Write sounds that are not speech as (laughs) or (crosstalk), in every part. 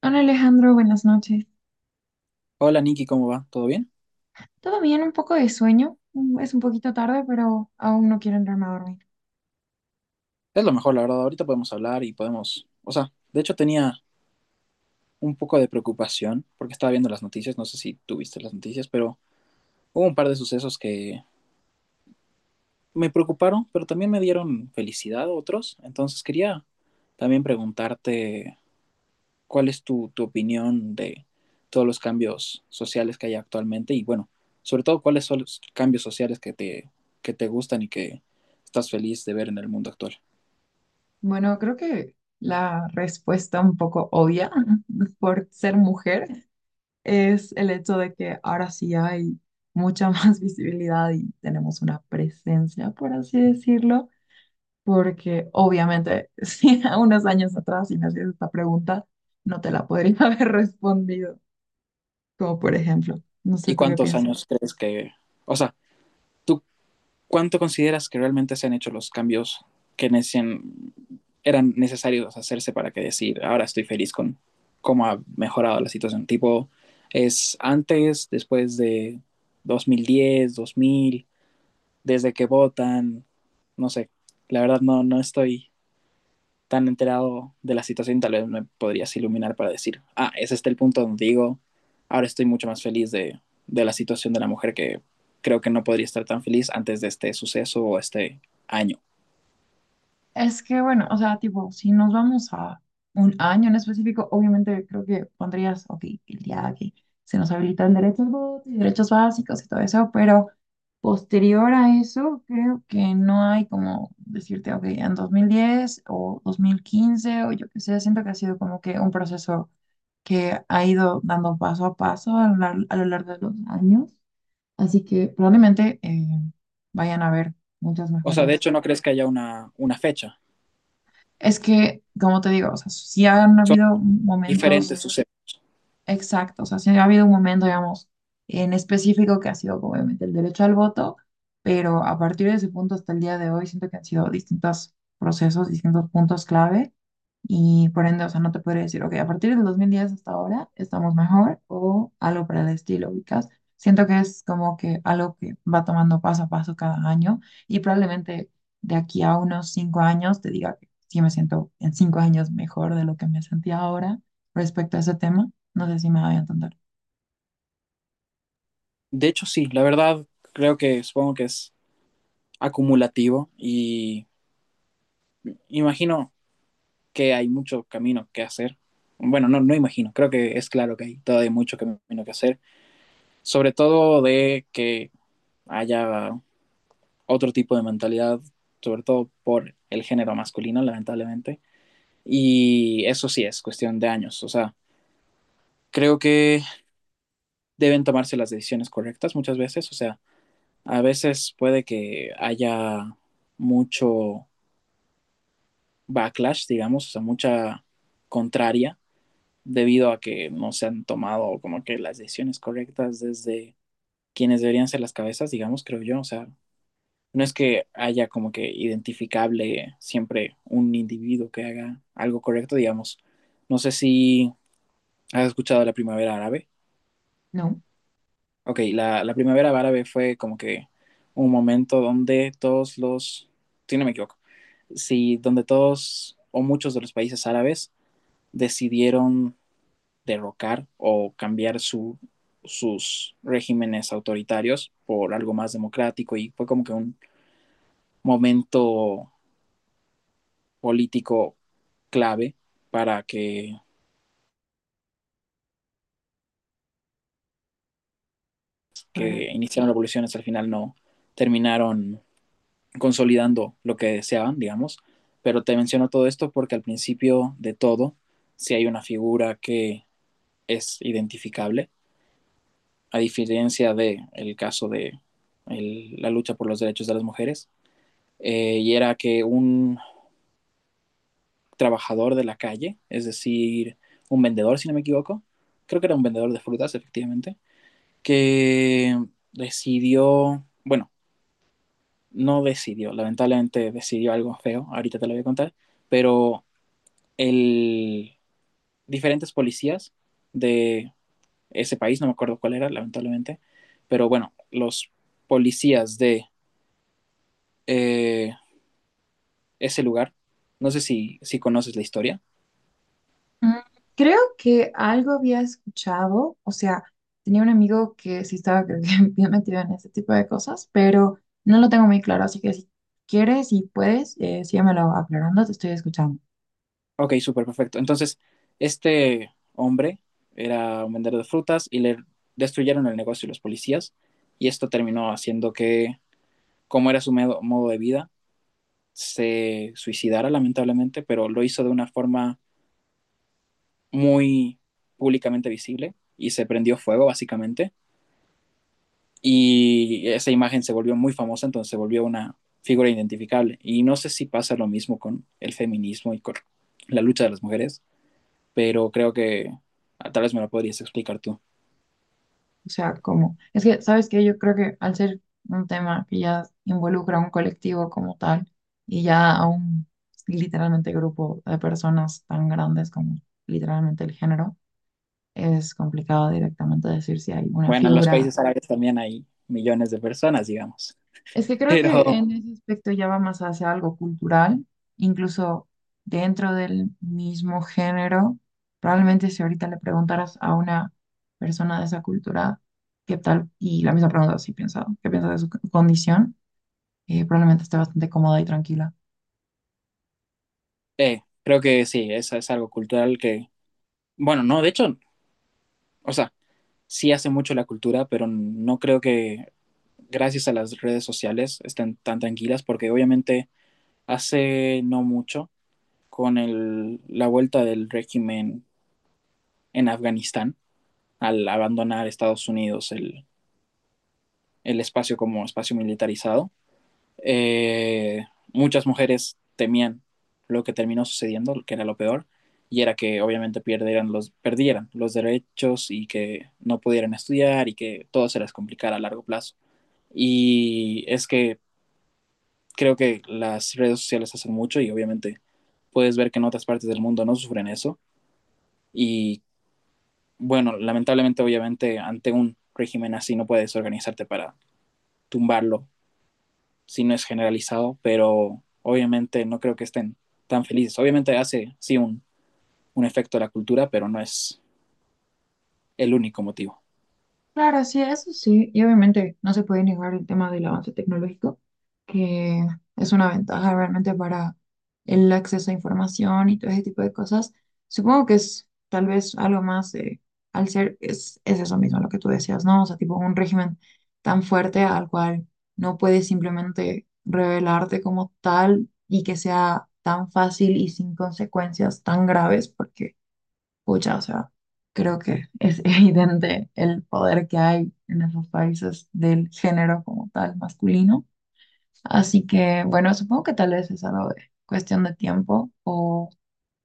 Hola Alejandro, buenas noches. Hola Nikki, ¿cómo va? ¿Todo bien? ¿Todo bien? Un poco de sueño. Es un poquito tarde, pero aún no quiero entrarme a dormir. Es lo mejor, la verdad. Ahorita podemos hablar y podemos... O sea, de hecho tenía un poco de preocupación porque estaba viendo las noticias, no sé si tuviste las noticias, pero hubo un par de sucesos que me preocuparon, pero también me dieron felicidad otros. Entonces quería también preguntarte cuál es tu opinión de todos los cambios sociales que hay actualmente y bueno, sobre todo cuáles son los cambios sociales que te gustan y que estás feliz de ver en el mundo actual. Bueno, creo que la respuesta un poco obvia (laughs) por ser mujer es el hecho de que ahora sí hay mucha más (laughs) visibilidad y tenemos una presencia, por así decirlo, porque obviamente (laughs) si a unos años atrás si me hacías esta pregunta, no te la podría (laughs) haber respondido, como por ejemplo, no sé ¿Y tú qué cuántos piensas. años crees que, o sea, tú cuánto consideras que realmente se han hecho los cambios que necesitan, eran necesarios hacerse para que decir, ahora estoy feliz con cómo ha mejorado la situación? Tipo, ¿es antes, después de 2010, 2000, desde que votan? No sé, la verdad no, no estoy tan enterado de la situación, tal vez me podrías iluminar para decir, ah, ese está el punto donde digo, ahora estoy mucho más feliz de la situación de la mujer que creo que no podría estar tan feliz antes de este suceso o este año. Es que bueno, o sea, tipo, si nos vamos a un año en específico, obviamente creo que pondrías, ok, el día que se nos habilita el derecho al voto y derechos básicos y todo eso, pero posterior a eso, creo que no hay como decirte, ok, en 2010 o 2015 o yo qué sé, siento que ha sido como que un proceso que ha ido dando paso a paso a lo largo de los años, así que probablemente vayan a haber muchas O sea, de mejoras. hecho, no crees que haya una fecha. Es que, como te digo, o sea, sí han Son habido momentos diferentes sucesos. exactos, o sea, sí ha habido un momento, digamos, en específico que ha sido obviamente el derecho al voto, pero a partir de ese punto hasta el día de hoy siento que han sido distintos procesos, distintos puntos clave y por ende, o sea, no te podría decir, ok, a partir del 2010 hasta ahora estamos mejor o algo para el estilo, ubicas. Siento que es como que algo que va tomando paso a paso cada año y probablemente de aquí a unos cinco años te diga que sí me siento en cinco años mejor de lo que me sentía ahora respecto a ese tema. ¿No sé si me voy a entender? De hecho, sí, la verdad, creo que supongo que es acumulativo y imagino que hay mucho camino que hacer. Bueno, no, no imagino, creo que es claro que hay todavía mucho camino que hacer, sobre todo de que haya otro tipo de mentalidad, sobre todo por el género masculino, lamentablemente. Y eso sí es cuestión de años. O sea, creo que deben tomarse las decisiones correctas muchas veces. O sea, a veces puede que haya mucho backlash, digamos, o sea, mucha contraria debido a que no se han tomado como que las decisiones correctas desde quienes deberían ser las cabezas, digamos, creo yo. O sea, no es que haya como que identificable siempre un individuo que haga algo correcto, digamos. No sé si has escuchado la primavera árabe. No. Ok, la primavera árabe fue como que un momento donde todos los, si no me equivoco, si donde todos o muchos de los países árabes decidieron derrocar o cambiar sus regímenes autoritarios por algo más democrático y fue como que un momento político clave para que iniciaron revoluciones, al final no terminaron consolidando lo que deseaban, digamos. Pero te menciono todo esto porque al principio de todo, si hay una figura que es identificable, a diferencia del el caso de la lucha por los derechos de las mujeres, y era que un trabajador de la calle, es decir, un vendedor, si no me equivoco, creo que era un vendedor de frutas, efectivamente, que decidió, bueno, no decidió, lamentablemente decidió algo feo, ahorita te lo voy a contar, pero el, diferentes policías de ese país, no me acuerdo cuál era, lamentablemente, pero bueno, los policías de eh, ese lugar, no sé si conoces la historia. Mm, creo que algo había escuchado, o sea, tenía un amigo que sí estaba creo que (laughs) bien metido en este tipo de cosas, pero no lo tengo muy claro, así que si quieres y puedes, síguemelo aclarando, te estoy escuchando. Ok, súper perfecto. Entonces, este hombre era un vendedor de frutas y le destruyeron el negocio los policías y esto terminó haciendo que, como era su modo de vida, se suicidara lamentablemente, pero lo hizo de una forma muy públicamente visible y se prendió fuego básicamente. Y esa imagen se volvió muy famosa, entonces se volvió una figura identificable. Y no sé si pasa lo mismo con el feminismo y con la lucha de las mujeres, pero creo que tal vez me lo podrías explicar tú. O sea, como, es que, ¿sabes qué? Yo creo que al ser un tema que ya involucra a un colectivo como tal y ya a un literalmente grupo de personas tan grandes como literalmente el género, es complicado directamente decir si hay una Bueno, en los figura. países árabes también hay millones de personas, digamos, Es que creo que pero en ese aspecto ya va más hacia algo cultural, incluso dentro del mismo género. Probablemente si ahorita le preguntaras a una persona de esa cultura qué tal, y la misma pregunta si piensa, qué piensa de condición, probablemente esté bastante cómoda y tranquila. Creo que sí, eso es algo cultural que, bueno, no, de hecho, o sea, sí hace mucho la cultura, pero no creo que gracias a las redes sociales estén tan tranquilas, porque obviamente hace no mucho, con la vuelta del régimen en Afganistán, al abandonar Estados Unidos el espacio como espacio militarizado, eh, muchas mujeres temían lo que terminó sucediendo, que era lo peor, y era que obviamente perdieran los derechos y que no pudieran estudiar y que todo se les complicara a largo plazo. Y es que creo que las redes sociales hacen mucho y obviamente puedes ver que en otras partes del mundo no sufren eso. Y bueno, lamentablemente, obviamente, ante un régimen así no puedes organizarte para tumbarlo si no es generalizado, pero obviamente no creo que estén tan felices. Obviamente hace, sí, un efecto a la cultura, pero no es el único motivo. Claro, sí, eso sí, y obviamente no se puede negar el tema del avance tecnológico, que es una ventaja realmente para el acceso a información y todo ese tipo de cosas. Supongo que es tal vez algo más, al ser, es eso mismo lo que tú decías, ¿no? O sea, tipo un régimen tan fuerte al cual no puedes simplemente revelarte como tal y que sea tan fácil y sin consecuencias tan graves, porque pucha, o sea, creo que es (laughs) evidente el poder que hay en esos países del género como tal masculino. Así que, bueno, supongo que tal vez es algo de cuestión de tiempo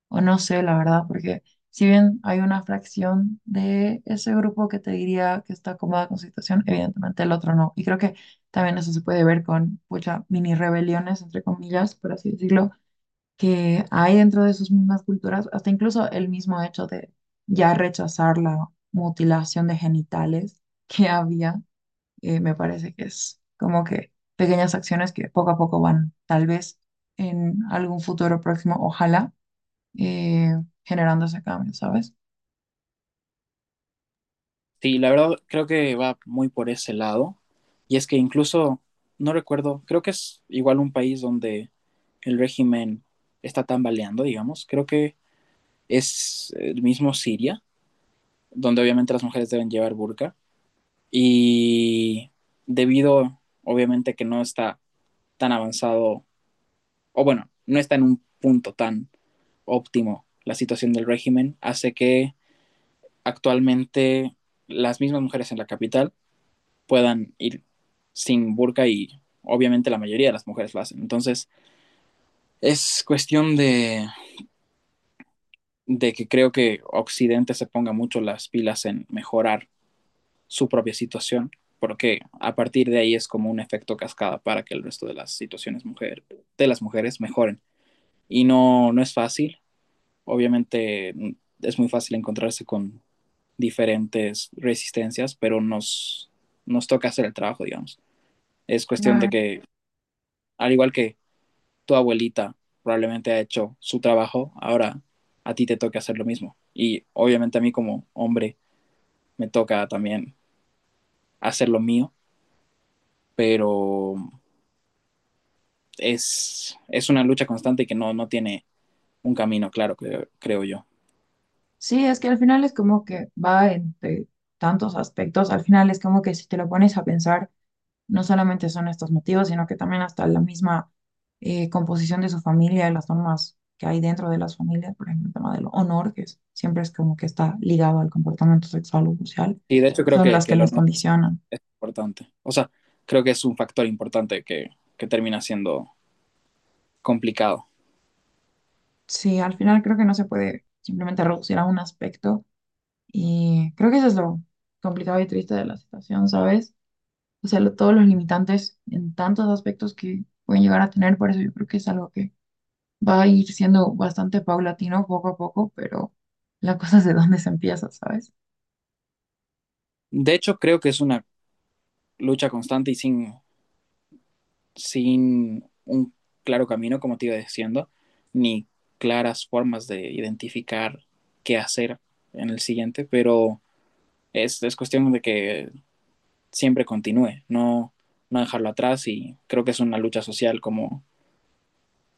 o no sé, la verdad, porque si bien hay una fracción de ese grupo que te diría que está cómoda con su situación, evidentemente el otro no. Y creo que también eso se puede ver con, pucha, mini rebeliones, entre comillas, por así decirlo, que hay dentro de sus mismas culturas, hasta incluso el mismo hecho de ya rechazar la mutilación de genitales (laughs) que había, me parece que es como que pequeñas acciones que poco a poco van, tal vez en algún futuro próximo, ojalá, eh, generando ese cambio, ¿sabes? Sí, la verdad creo que va muy por ese lado. Y es que incluso, no recuerdo, creo que es igual un país donde el régimen está tambaleando, digamos. Creo que es el mismo Siria, donde obviamente las mujeres deben llevar burka. Y debido, obviamente, que no está tan avanzado, o bueno, no está en un punto tan óptimo la situación del régimen, hace que actualmente las mismas mujeres en la capital puedan ir sin burka y obviamente la mayoría de las mujeres lo hacen. Entonces, es cuestión de que creo que Occidente se ponga mucho las pilas en mejorar su propia situación, porque a partir de ahí es como un efecto cascada para que el resto de las situaciones mujer, de las mujeres mejoren. Y no, no es fácil, obviamente es muy fácil encontrarse con diferentes resistencias, pero nos toca hacer el trabajo, digamos. Es cuestión de Claro. que, al igual que tu abuelita probablemente ha hecho su trabajo, ahora a ti te toca hacer lo mismo. Y obviamente a mí como hombre me toca también hacer lo mío, pero es una lucha constante que no, no tiene un camino claro, creo yo. Sí, es que al final es como que va entre tantos aspectos, al final es como que si te lo pones a pensar, no solamente son estos motivos, sino que también hasta la misma composición de su familia y las normas que hay dentro de las familias, por ejemplo, el tema del honor, que siempre es como que está ligado al comportamiento sexual o social, Y de hecho creo son las que que lo los no condicionan. es importante. O sea, creo que es un factor importante que termina siendo complicado. Sí, al final creo que no se puede simplemente reducir a un aspecto y creo que eso es lo complicado y triste de la situación, ¿sabes? O sea, todos los limitantes en tantos aspectos que pueden llegar a tener, por eso yo creo que es algo que va a ir siendo bastante paulatino poco a poco, pero la cosa es de dónde se empieza, ¿sabes? De hecho, creo que es una lucha constante y sin un claro camino, como te iba diciendo, ni claras formas de identificar qué hacer en el siguiente, pero es cuestión de que siempre continúe, no, no dejarlo atrás y creo que es una lucha social como,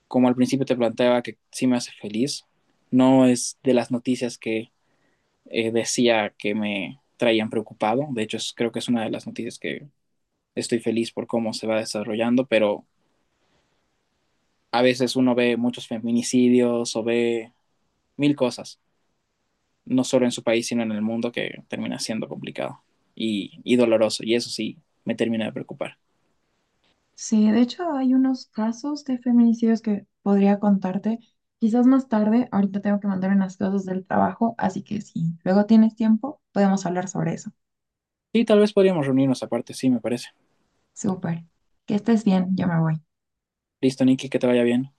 como al principio te planteaba que sí me hace feliz, no es de las noticias que decía que me traían preocupado, de hecho creo que es una de las noticias que estoy feliz por cómo se va desarrollando, pero a veces uno ve muchos feminicidios o ve mil cosas, no solo en su país, sino en el mundo, que termina siendo complicado y doloroso. Y eso sí, me termina de preocupar. Sí, de hecho hay unos casos de feminicidios que podría contarte. Quizás más tarde, ahorita tengo que mandar unas cosas del trabajo, así que si luego tienes tiempo, podemos hablar sobre eso. Sí, tal vez podríamos reunirnos aparte, sí, me parece. Súper. Que estés bien, yo me voy. Listo, Nicky, que te vaya bien.